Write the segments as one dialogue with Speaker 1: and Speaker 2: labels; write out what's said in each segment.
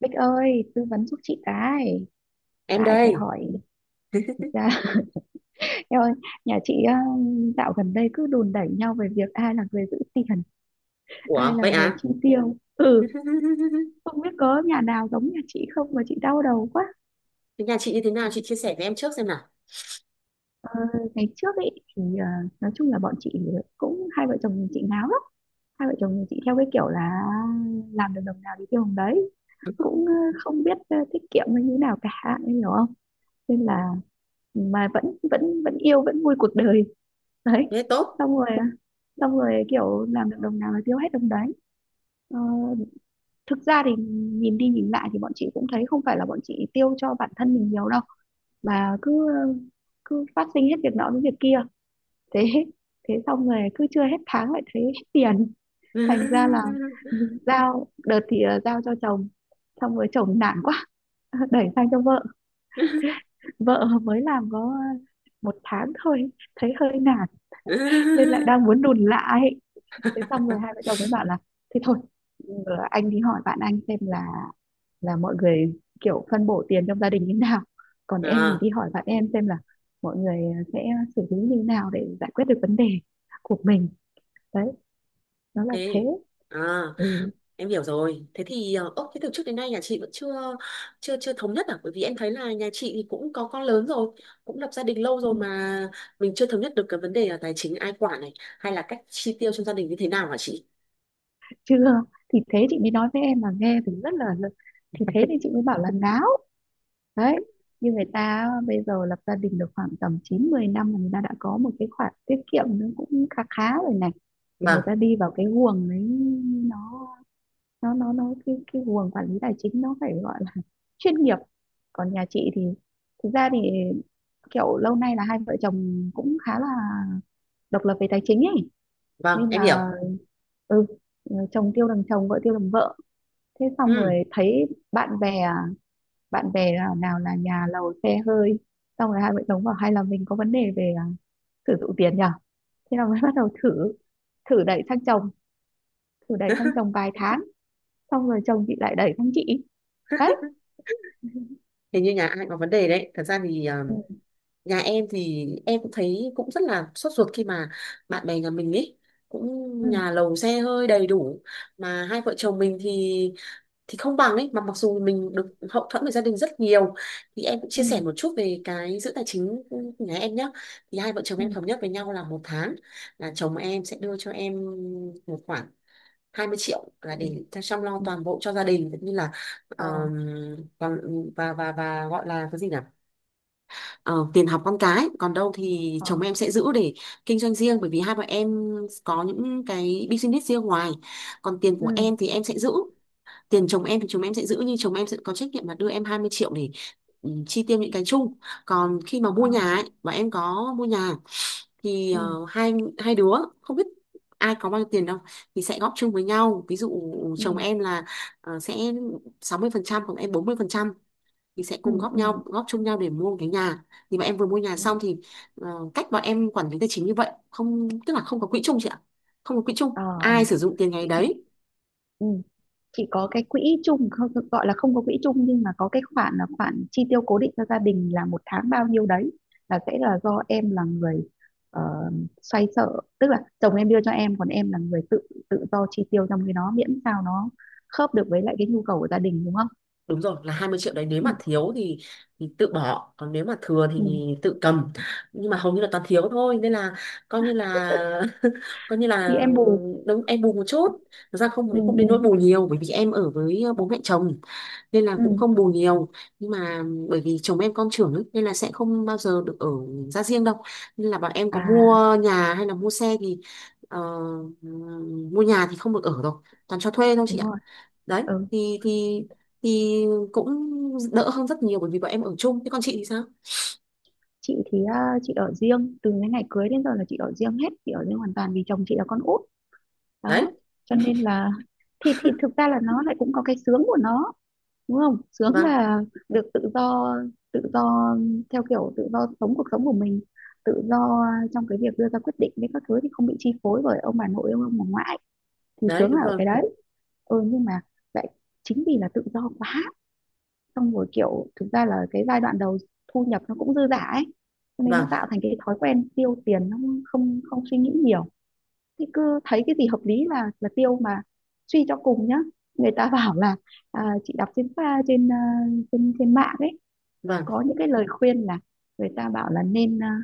Speaker 1: Bích ơi, tư vấn giúp chị cái.
Speaker 2: Em
Speaker 1: Lại phải
Speaker 2: đây.
Speaker 1: hỏi thực ra. Em ơi, nhà chị dạo gần đây cứ đùn đẩy nhau về việc ai là người giữ tiền, ai
Speaker 2: Ủa,
Speaker 1: là
Speaker 2: vậy
Speaker 1: người
Speaker 2: à?
Speaker 1: chi tiêu. Ừ, không biết có nhà nào giống nhà chị không mà chị đau đầu quá.
Speaker 2: Thế nhà chị như thế nào, chị chia sẻ với em trước xem nào.
Speaker 1: Ờ, Ngày trước ấy thì nói chung là bọn chị cũng hai vợ chồng chị ngáo lắm, hai vợ chồng chị theo cái kiểu là làm được đồng nào thì tiêu đồng đấy, cũng không biết tiết kiệm hay như nào cả, em hiểu không? Nên là mà vẫn vẫn vẫn yêu vẫn vui cuộc đời đấy.
Speaker 2: Thế tốt.
Speaker 1: Xong rồi xong rồi kiểu làm được đồng nào là tiêu hết đồng đấy. Ờ, Thực ra thì nhìn đi nhìn lại thì bọn chị cũng thấy không phải là bọn chị tiêu cho bản thân mình nhiều đâu mà cứ cứ phát sinh hết việc nọ đến việc kia. Thế thế xong rồi cứ chưa hết tháng lại thấy hết tiền. Thành ra là giao đợt thì giao cho chồng, xong rồi chồng nản quá đẩy sang cho vợ. Vợ mới làm có 1 tháng thôi, thấy hơi nản nên lại đang muốn đùn lại. Thế xong rồi hai vợ chồng mới bảo là thế thôi, anh đi hỏi bạn anh xem là mọi người kiểu phân bổ tiền trong gia đình như nào, còn em thì
Speaker 2: À,
Speaker 1: đi hỏi bạn em xem là mọi người sẽ xử lý như nào để giải quyết được vấn đề của mình. Đấy, nó là thế.
Speaker 2: thế à?
Speaker 1: Ừ.
Speaker 2: Em hiểu rồi. Thế thì ốc, thế từ trước đến nay nhà chị vẫn chưa chưa chưa thống nhất à? Bởi vì em thấy là nhà chị thì cũng có con lớn rồi, cũng lập gia đình lâu rồi, mà mình chưa thống nhất được cái vấn đề là tài chính ai quản này, hay là cách chi tiêu trong gia đình như thế nào, hả chị?
Speaker 1: Chưa, thì thế chị mới nói với em mà nghe thì rất là, thì thế thì chị mới bảo là láo đấy. Như người ta bây giờ lập gia đình được khoảng tầm 9-10 năm là người ta đã có một cái khoản tiết kiệm nó cũng khá khá rồi này. Thì
Speaker 2: Vâng.
Speaker 1: người ta đi vào cái guồng đấy. Nó cái guồng quản lý tài chính nó phải gọi là chuyên nghiệp. Còn nhà chị thì thực ra thì kiểu lâu nay là hai vợ chồng cũng khá là độc lập về tài chính ấy.
Speaker 2: Vâng,
Speaker 1: Nên
Speaker 2: em hiểu.
Speaker 1: là ừ, chồng tiêu đằng chồng vợ tiêu đằng vợ. Thế xong
Speaker 2: Ừ.
Speaker 1: rồi thấy bạn bè, nào nào là nhà lầu xe hơi. Xong rồi hai vợ chồng bảo hay là mình có vấn đề về sử dụng tiền nhỉ. Thế là mới bắt đầu thử, đẩy sang chồng, thử đẩy sang chồng vài tháng. Xong rồi chồng chị lại đẩy sang chị. Đấy.
Speaker 2: Hình như nhà ai cũng có vấn đề đấy. Thật ra thì
Speaker 1: Ừ,
Speaker 2: nhà em thì em cũng thấy cũng rất là sốt ruột khi mà bạn bè nhà mình ấy cũng
Speaker 1: ừ,
Speaker 2: nhà lầu xe hơi đầy đủ, mà hai vợ chồng mình thì không bằng ấy, mà mặc dù mình được hậu thuẫn về gia đình rất nhiều. Thì em cũng chia
Speaker 1: ừ,
Speaker 2: sẻ một chút về cái giữ tài chính của nhà em nhé. Thì hai vợ chồng
Speaker 1: ừ,
Speaker 2: em thống nhất với nhau là một tháng là chồng em sẽ đưa cho em một khoản 20 triệu là
Speaker 1: ừ,
Speaker 2: để chăm lo
Speaker 1: ừ.
Speaker 2: toàn bộ cho gia đình, cũng như là ờ,
Speaker 1: Ờ,
Speaker 2: còn và gọi là cái gì nhỉ, ờ, tiền học con cái. Còn đâu thì
Speaker 1: ờ,
Speaker 2: chồng em sẽ giữ để kinh doanh riêng, bởi vì hai bọn em có những cái business riêng ngoài. Còn tiền của
Speaker 1: ừ,
Speaker 2: em thì em sẽ giữ, tiền chồng em thì chồng em sẽ giữ, nhưng chồng em sẽ có trách nhiệm là đưa em 20 triệu để chi tiêu những cái chung. Còn khi mà
Speaker 1: ờ,
Speaker 2: mua nhà ấy, và em có mua nhà, thì
Speaker 1: ừ,
Speaker 2: hai hai đứa không biết ai có bao nhiêu tiền đâu, thì sẽ góp chung với nhau. Ví dụ
Speaker 1: ừ,
Speaker 2: chồng em là sẽ 60%, còn em 40%, mình sẽ
Speaker 1: ừ,
Speaker 2: cùng góp
Speaker 1: ừ.
Speaker 2: nhau góp chung nhau để mua một cái nhà. Thì mà em vừa mua nhà
Speaker 1: Đó.
Speaker 2: xong thì ờ, cách bọn em quản lý tài chính như vậy, không, tức là không có quỹ chung chị ạ. Không có quỹ
Speaker 1: Ờ,
Speaker 2: chung, ai sử dụng tiền ngày
Speaker 1: ừ.
Speaker 2: đấy.
Speaker 1: Ừ. Chị có cái quỹ chung, không gọi là không có quỹ chung nhưng mà có cái khoản là khoản chi tiêu cố định cho gia đình là 1 tháng bao nhiêu đấy là sẽ là do em là người ờ, xoay sở. Tức là chồng em đưa cho em còn em là người tự tự do chi tiêu trong cái đó miễn sao nó khớp được với lại cái nhu cầu của gia đình, đúng không?
Speaker 2: Đúng rồi, là 20 triệu đấy, nếu
Speaker 1: Ừ,
Speaker 2: mà thiếu thì tự bỏ, còn nếu mà thừa thì
Speaker 1: ừ.
Speaker 2: tự cầm. Nhưng mà hầu như là toàn thiếu thôi nên là coi như là coi như
Speaker 1: Thì
Speaker 2: là
Speaker 1: em bù.
Speaker 2: đúng, em bù một chút. Thật ra không
Speaker 1: Ừ,
Speaker 2: không đến nỗi
Speaker 1: ừ,
Speaker 2: bù nhiều bởi vì em ở với bố mẹ chồng, nên là cũng
Speaker 1: ừ.
Speaker 2: không bù nhiều. Nhưng mà bởi vì chồng em con trưởng ấy, nên là sẽ không bao giờ được ở ra riêng đâu. Nên là bọn em có
Speaker 1: À,
Speaker 2: mua nhà hay là mua xe thì ờ, mua nhà thì không được ở rồi, toàn cho thuê thôi chị
Speaker 1: đúng
Speaker 2: ạ.
Speaker 1: rồi.
Speaker 2: Đấy.
Speaker 1: Ừ.
Speaker 2: Thì thì cũng đỡ hơn rất nhiều bởi vì bọn em ở chung. Thế còn chị thì sao?
Speaker 1: Chị thì chị ở riêng từ cái ngày cưới đến giờ là chị ở riêng hết. Chị ở riêng hoàn toàn vì chồng chị là con út.
Speaker 2: Đấy.
Speaker 1: Đó, cho nên là thì thực ra là nó lại cũng có cái sướng của nó. Đúng không? Sướng
Speaker 2: Vâng.
Speaker 1: là được tự do, tự do theo kiểu tự do sống cuộc sống của mình, tự do trong cái việc đưa ra quyết định với các thứ thì không bị chi phối bởi ông bà nội ông bà ngoại. Thì
Speaker 2: Đấy,
Speaker 1: sướng là
Speaker 2: đúng
Speaker 1: ở
Speaker 2: rồi.
Speaker 1: cái đấy. Ừ nhưng mà lại chính vì là tự do quá, xong rồi kiểu thực ra là cái giai đoạn đầu thu nhập nó cũng dư dả ấy, cho nên nó
Speaker 2: Vâng.
Speaker 1: tạo thành cái thói quen tiêu tiền nó không không suy nghĩ nhiều. Thì cứ thấy cái gì hợp lý là tiêu. Mà suy cho cùng nhá, người ta bảo là chị đọc trên pha, trên trên trên mạng ấy
Speaker 2: Vâng.
Speaker 1: có những cái lời khuyên là người ta bảo là nên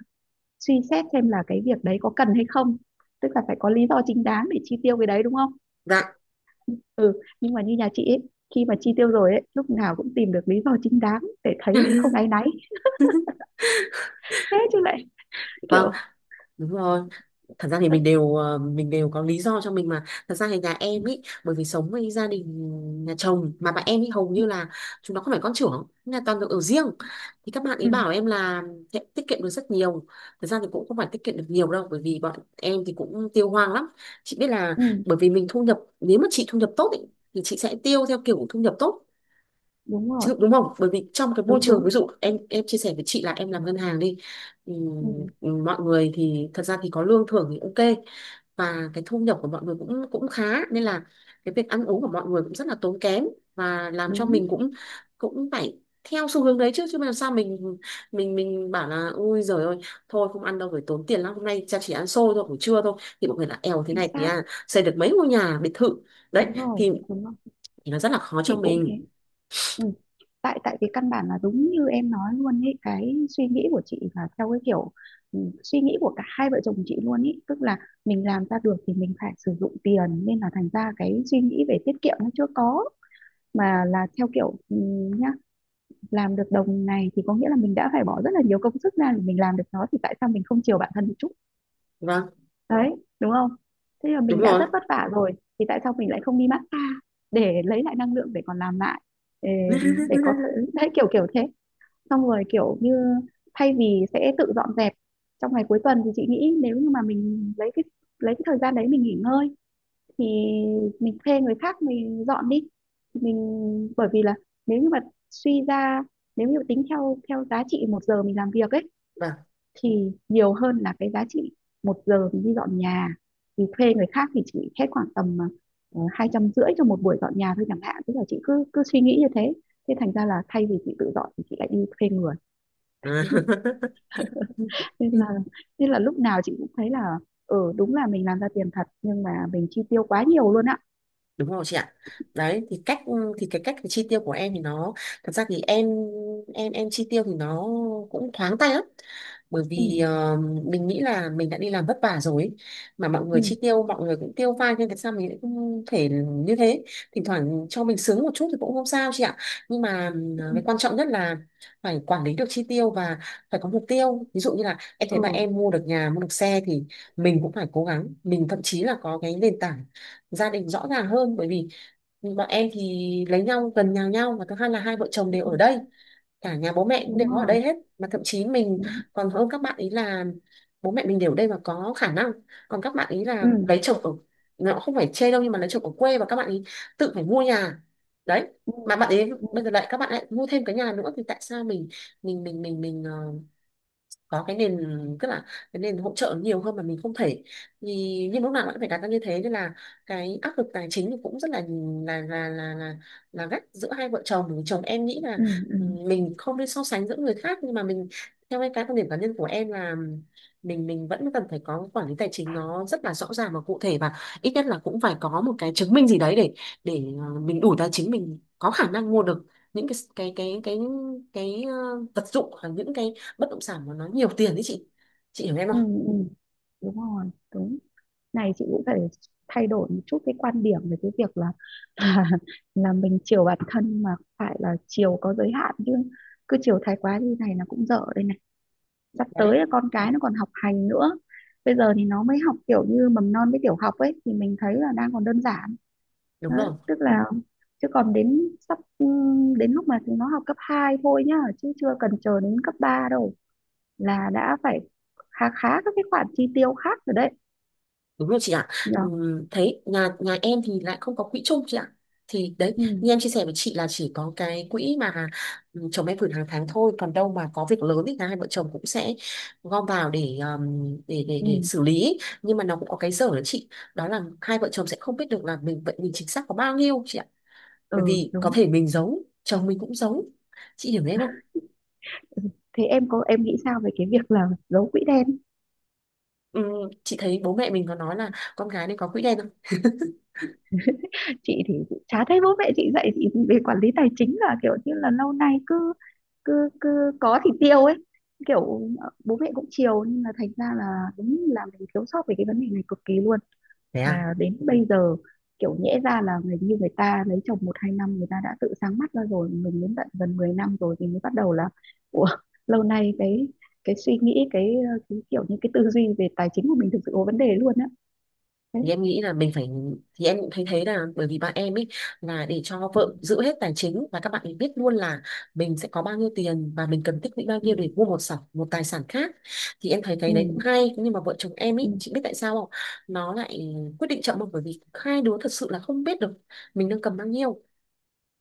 Speaker 1: suy xét xem là cái việc đấy có cần hay không, tức là phải có lý do chính đáng để chi tiêu cái đấy, đúng không?
Speaker 2: Dạ.
Speaker 1: Ừ nhưng mà như nhà chị ấy, khi mà chi tiêu rồi ấy lúc nào cũng tìm được lý do chính đáng để thấy không áy náy. Thế chứ lại
Speaker 2: Vâng,
Speaker 1: kiểu.
Speaker 2: đúng rồi. Thật ra thì
Speaker 1: Ừ,
Speaker 2: mình đều mình đều có lý do cho mình mà. Thật ra thì nhà em ý, bởi vì sống với gia đình nhà chồng, mà bạn em ý hầu như là chúng nó không phải con trưởng là toàn được ở riêng. Thì các bạn ấy
Speaker 1: ừ,
Speaker 2: bảo em là sẽ tiết kiệm được rất nhiều. Thật ra thì cũng không phải tiết kiệm được nhiều đâu bởi vì bọn em thì cũng tiêu hoang lắm. Chị biết là,
Speaker 1: ừ,
Speaker 2: bởi vì mình thu nhập, nếu mà chị thu nhập tốt ý, thì chị sẽ tiêu theo kiểu thu nhập tốt
Speaker 1: đúng rồi,
Speaker 2: chứ, đúng không? Bởi vì trong cái môi
Speaker 1: đúng,
Speaker 2: trường,
Speaker 1: đúng,
Speaker 2: ví dụ em chia sẻ với chị là em làm ngân hàng đi.
Speaker 1: ừ,
Speaker 2: Mọi người thì thật ra thì có lương thưởng thì ok, và cái thu nhập của mọi người cũng cũng khá, nên là cái việc ăn uống của mọi người cũng rất là tốn kém, và làm cho
Speaker 1: đúng,
Speaker 2: mình cũng cũng phải theo xu hướng đấy chứ. Chứ mà làm sao mình mình bảo là ui giời ơi, thôi không ăn đâu phải tốn tiền lắm, hôm nay cha chỉ ăn xôi thôi buổi trưa thôi, thì mọi người là èo, thế
Speaker 1: chính
Speaker 2: này thì
Speaker 1: xác,
Speaker 2: xây được mấy ngôi nhà biệt thự. Đấy.
Speaker 1: đúng rồi,
Speaker 2: thì
Speaker 1: đúng rồi.
Speaker 2: thì nó rất là khó
Speaker 1: Chị
Speaker 2: cho
Speaker 1: cũng thế.
Speaker 2: mình.
Speaker 1: Ừ. tại tại vì căn bản là đúng như em nói luôn ấy, cái suy nghĩ của chị là theo cái kiểu, ừ, suy nghĩ của cả hai vợ chồng chị luôn ấy, tức là mình làm ra được thì mình phải sử dụng tiền, nên là thành ra cái suy nghĩ về tiết kiệm nó chưa có. Mà là theo kiểu ừ, nhá, làm được đồng này thì có nghĩa là mình đã phải bỏ rất là nhiều công sức ra để mình làm được nó thì tại sao mình không chiều bản thân một chút?
Speaker 2: Vâng,
Speaker 1: Đấy, đúng không? Thế là
Speaker 2: đúng
Speaker 1: mình đã
Speaker 2: rồi.
Speaker 1: rất vất vả rồi thì tại sao mình lại không đi massage để lấy lại năng lượng để còn làm lại, để, để có thể, đấy kiểu kiểu thế. Xong rồi kiểu như thay vì sẽ tự dọn dẹp trong ngày cuối tuần thì chị nghĩ nếu như mà mình lấy cái thời gian đấy mình nghỉ ngơi thì mình thuê người khác mình dọn đi. Mình bởi vì là, nếu như mà suy ra, nếu như tính theo theo giá trị 1 giờ mình làm việc ấy
Speaker 2: Vâng.
Speaker 1: thì nhiều hơn là cái giá trị 1 giờ mình đi dọn nhà. Thì thuê người khác thì chỉ hết khoảng tầm 250 cho một buổi dọn nhà thôi chẳng hạn. Tức là chị cứ cứ suy nghĩ như thế. Thế thành ra là thay vì chị tự dọn thì chị lại đi thuê người. nên là nên là lúc nào chị cũng thấy là ừ, đúng là mình làm ra tiền thật nhưng mà mình chi tiêu quá nhiều luôn á.
Speaker 2: Đúng rồi chị ạ. Đấy. Thì cách, thì cái cách chi tiêu của em thì nó, thật ra thì em em chi tiêu thì nó cũng thoáng tay lắm, bởi
Speaker 1: Ừ,
Speaker 2: vì mình nghĩ là mình đã đi làm vất vả rồi ấy. Mà mọi
Speaker 1: ừ,
Speaker 2: người chi tiêu, mọi người cũng tiêu pha, nên tại sao mình lại không thể như thế. Thỉnh thoảng cho mình sướng một chút thì cũng không sao chị ạ. Nhưng mà
Speaker 1: ừ,
Speaker 2: cái quan trọng nhất là phải quản lý được chi tiêu, và phải có mục tiêu. Ví dụ như là em thấy bạn
Speaker 1: ừ,
Speaker 2: em mua được nhà, mua được xe, thì mình cũng phải cố gắng. Mình thậm chí là có cái nền tảng gia đình rõ ràng hơn, bởi vì bọn em thì lấy nhau gần nhà nhau, và thứ hai là hai vợ chồng
Speaker 1: ừ,
Speaker 2: đều ở đây, cả nhà bố mẹ cũng
Speaker 1: đúng
Speaker 2: đều ở
Speaker 1: rồi,
Speaker 2: đây hết, mà thậm chí mình
Speaker 1: đúng,
Speaker 2: còn hơn các bạn ý là bố mẹ mình đều ở đây và có khả năng. Còn các bạn ý là
Speaker 1: ừ,
Speaker 2: lấy chồng ở, nó không phải chê đâu, nhưng mà lấy chồng ở quê và các bạn ý tự phải mua nhà. Đấy.
Speaker 1: ừ,
Speaker 2: Mà bạn ấy
Speaker 1: ừ,
Speaker 2: bây giờ lại, các bạn lại mua thêm cái nhà nữa, thì tại sao mình mình có cái nền, tức là cái nền hỗ trợ nhiều hơn mà mình không thể. Thì nhưng lúc nào cũng phải đặt ra như thế nên là cái áp lực tài chính thì cũng rất là là là là là, là gắt giữa hai vợ chồng. Chồng em nghĩ là
Speaker 1: ừ, ừ.
Speaker 2: mình không nên so sánh giữa người khác, nhưng mà mình, theo cái quan điểm cá nhân của em là mình vẫn cần phải có quản lý tài chính nó rất là rõ ràng và cụ thể, và ít nhất là cũng phải có một cái chứng minh gì đấy để mình đủ tài chính, mình có khả năng mua được những cái, ờ, vật dụng, hoặc những cái bất động sản mà nó nhiều tiền đấy chị. Chị hiểu em
Speaker 1: Ừ,
Speaker 2: không?
Speaker 1: ừ. Đúng rồi, đúng. Này, chị cũng phải thay đổi một chút cái quan điểm về cái việc là là, là mình chiều bản thân nhưng mà phải là chiều có giới hạn chứ. Cứ chiều thái quá như này là cũng dở đây này. Sắp tới
Speaker 2: Đấy,
Speaker 1: là con cái nó còn học hành nữa. Bây giờ thì nó mới học kiểu như mầm non với tiểu học ấy thì mình thấy là đang còn đơn giản.
Speaker 2: đúng
Speaker 1: Đấy,
Speaker 2: rồi.
Speaker 1: tức là, chứ còn đến sắp, ừ, đến lúc mà chúng nó học cấp 2 thôi nhá chứ chưa cần chờ đến cấp 3 đâu là đã phải khá khá các cái khoản chi tiêu khác rồi đấy,
Speaker 2: Đúng rồi chị ạ.
Speaker 1: nhỉ?
Speaker 2: Thấy nhà nhà em thì lại không có quỹ chung chị ạ. Thì đấy,
Speaker 1: Ừ,
Speaker 2: như em chia sẻ với chị là chỉ có cái quỹ mà chồng em gửi hàng tháng thôi. Còn đâu mà có việc lớn thì cả hai vợ chồng cũng sẽ gom vào để để
Speaker 1: ừ,
Speaker 2: xử lý. Nhưng mà nó cũng có cái dở đó chị. Đó là hai vợ chồng sẽ không biết được là mình, vậy mình chính xác có bao nhiêu chị ạ. Bởi
Speaker 1: ừ,
Speaker 2: vì có
Speaker 1: đúng.
Speaker 2: thể mình giấu, chồng mình cũng giấu. Chị hiểu em không?
Speaker 1: Thế em có, em nghĩ sao về cái việc là giấu quỹ đen?
Speaker 2: Ừm, chị thấy bố mẹ mình có nói là con gái nên có quỹ đen.
Speaker 1: Chị thì chả thấy bố mẹ chị dạy chị về quản lý tài chính, là kiểu như là lâu nay cứ cứ cứ có thì tiêu ấy, kiểu bố mẹ cũng chiều nhưng mà thành ra là đúng là mình thiếu sót về cái vấn đề này cực kỳ luôn.
Speaker 2: Thế à?
Speaker 1: Mà đến bây giờ kiểu nhẽ ra là người như người ta lấy chồng 1-2 năm người ta đã tự sáng mắt ra rồi, mình đến tận gần 10 năm rồi thì mới bắt đầu là, ủa, lâu nay cái suy nghĩ cái, cái kiểu như cái tư duy về tài chính của mình thực sự có vấn đề luôn á. Thế.
Speaker 2: Thì em nghĩ là mình phải, thì em cũng thấy thế, là bởi vì bạn em ấy là để cho
Speaker 1: Ừ,
Speaker 2: vợ giữ hết tài chính, và các bạn ấy biết luôn là mình sẽ có bao nhiêu tiền và mình cần tích lũy bao
Speaker 1: ừ,
Speaker 2: nhiêu để mua một sản, một tài sản khác. Thì em thấy cái đấy cũng
Speaker 1: ừ,
Speaker 2: hay, nhưng mà vợ chồng em
Speaker 1: ừ,
Speaker 2: ấy, chị biết tại sao không, nó lại quyết định chậm không, bởi vì hai đứa thật sự là không biết được mình đang cầm bao nhiêu.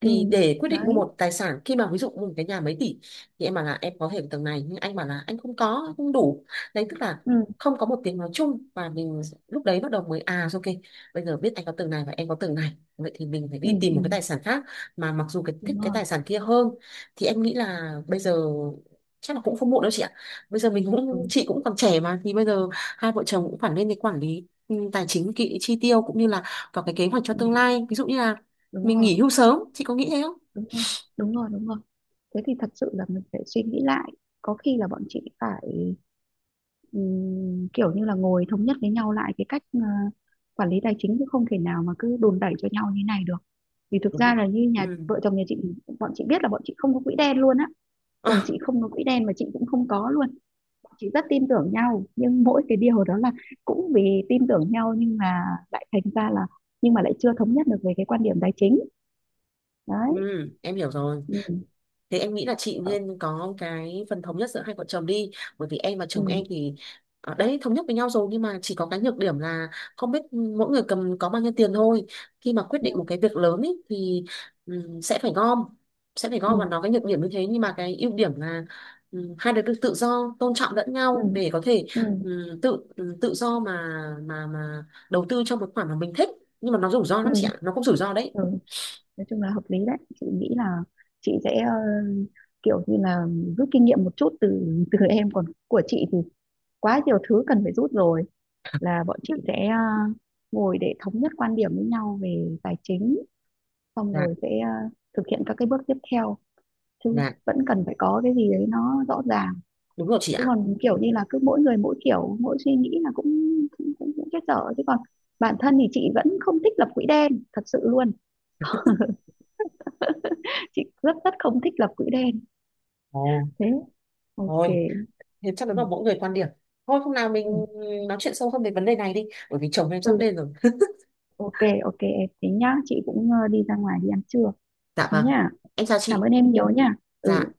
Speaker 2: Thì
Speaker 1: ừ.
Speaker 2: để quyết định mua
Speaker 1: Đấy.
Speaker 2: một tài sản, khi mà ví dụ mua một cái nhà mấy tỷ, thì em bảo là em có thể ở tầng này, nhưng anh bảo là anh không có, không đủ. Đấy, tức là
Speaker 1: Ừ,
Speaker 2: không có một tiếng nói chung, và mình lúc đấy bắt đầu mới à ok, bây giờ biết anh có tầng này và em có tầng này, vậy thì mình phải
Speaker 1: ừ,
Speaker 2: đi tìm
Speaker 1: ừ,
Speaker 2: một cái tài sản khác, mà mặc dù cái thích
Speaker 1: đúng
Speaker 2: cái
Speaker 1: rồi,
Speaker 2: tài sản kia hơn. Thì em nghĩ là bây giờ chắc là cũng không muộn đâu chị ạ. Bây giờ mình cũng,
Speaker 1: ừ,
Speaker 2: chị cũng còn trẻ mà, thì bây giờ hai vợ chồng cũng phải lên cái quản lý tài chính kỹ, chi tiêu, cũng như là có cái kế hoạch cho
Speaker 1: ừ,
Speaker 2: tương lai, ví dụ như là
Speaker 1: đúng
Speaker 2: mình
Speaker 1: rồi,
Speaker 2: nghỉ hưu sớm, chị có nghĩ thế không?
Speaker 1: đúng rồi, đúng rồi, đúng rồi. Thế thì thật sự là mình phải suy nghĩ lại. Có khi là bọn chị phải kiểu như là ngồi thống nhất với nhau lại cái cách quản lý tài chính, chứ không thể nào mà cứ đùn đẩy cho nhau như này được. Vì thực
Speaker 2: Đúng.
Speaker 1: ra là như nhà
Speaker 2: Ừ.
Speaker 1: vợ chồng nhà chị, bọn chị biết là bọn chị không có quỹ đen luôn á. Chồng chị không có quỹ đen mà chị cũng không có luôn. Bọn chị rất tin tưởng nhau, nhưng mỗi cái điều đó là cũng vì tin tưởng nhau nhưng mà lại thành ra là, nhưng mà lại chưa thống nhất được về cái quan điểm tài chính.
Speaker 2: Ừ,
Speaker 1: Đấy.
Speaker 2: em hiểu rồi.
Speaker 1: Ừ.
Speaker 2: Thế em nghĩ là chị nên có cái phần thống nhất giữa hai vợ chồng đi. Bởi vì em và chồng
Speaker 1: Ừ.
Speaker 2: em thì ở đấy thống nhất với nhau rồi, nhưng mà chỉ có cái nhược điểm là không biết mỗi người cầm có bao nhiêu tiền thôi. Khi mà quyết
Speaker 1: Ừ.
Speaker 2: định một cái việc lớn ý, thì sẽ phải gom,
Speaker 1: Ừ.
Speaker 2: và nó cái nhược điểm như thế. Nhưng mà cái ưu điểm là hai đứa được tự do tôn trọng lẫn
Speaker 1: Ừ.
Speaker 2: nhau để có thể
Speaker 1: Ừ.
Speaker 2: tự tự do mà mà đầu tư cho một khoản mà mình thích. Nhưng mà nó rủi ro
Speaker 1: Ừ.
Speaker 2: lắm chị ạ, nó cũng rủi ro đấy.
Speaker 1: Ừ. Nói chung là hợp lý đấy. Chị nghĩ là chị sẽ kiểu như là rút kinh nghiệm một chút từ từ em. Còn của chị thì quá nhiều thứ cần phải rút rồi. Là bọn chị sẽ ngồi để thống nhất quan điểm với nhau về tài chính, xong
Speaker 2: Dạ.
Speaker 1: rồi sẽ thực hiện các cái bước tiếp theo chứ.
Speaker 2: Dạ,
Speaker 1: Vẫn cần phải có cái gì đấy nó rõ ràng,
Speaker 2: đúng rồi chị
Speaker 1: chứ
Speaker 2: ạ.
Speaker 1: còn kiểu như là cứ mỗi người mỗi kiểu mỗi suy nghĩ là cũng chết dở. Chứ còn bản thân thì chị vẫn không thích lập quỹ đen thật sự luôn. Chị rất rất không thích lập quỹ đen.
Speaker 2: Ồ,
Speaker 1: Thế, ok.
Speaker 2: thôi, thế chắc
Speaker 1: Ừ.
Speaker 2: là mỗi người quan điểm. Thôi hôm nào mình
Speaker 1: Ừ.
Speaker 2: nói chuyện sâu hơn về vấn đề này đi, bởi vì chồng em sắp
Speaker 1: Ừ,
Speaker 2: lên rồi.
Speaker 1: ok. Ok, em tính nhá, chị cũng đi ra ngoài đi ăn trưa.
Speaker 2: Dạ
Speaker 1: Thế
Speaker 2: vâng,
Speaker 1: nhá,
Speaker 2: em chào
Speaker 1: cảm
Speaker 2: chị.
Speaker 1: ơn em. Ừ, nhiều nhá. Ừ.
Speaker 2: Dạ.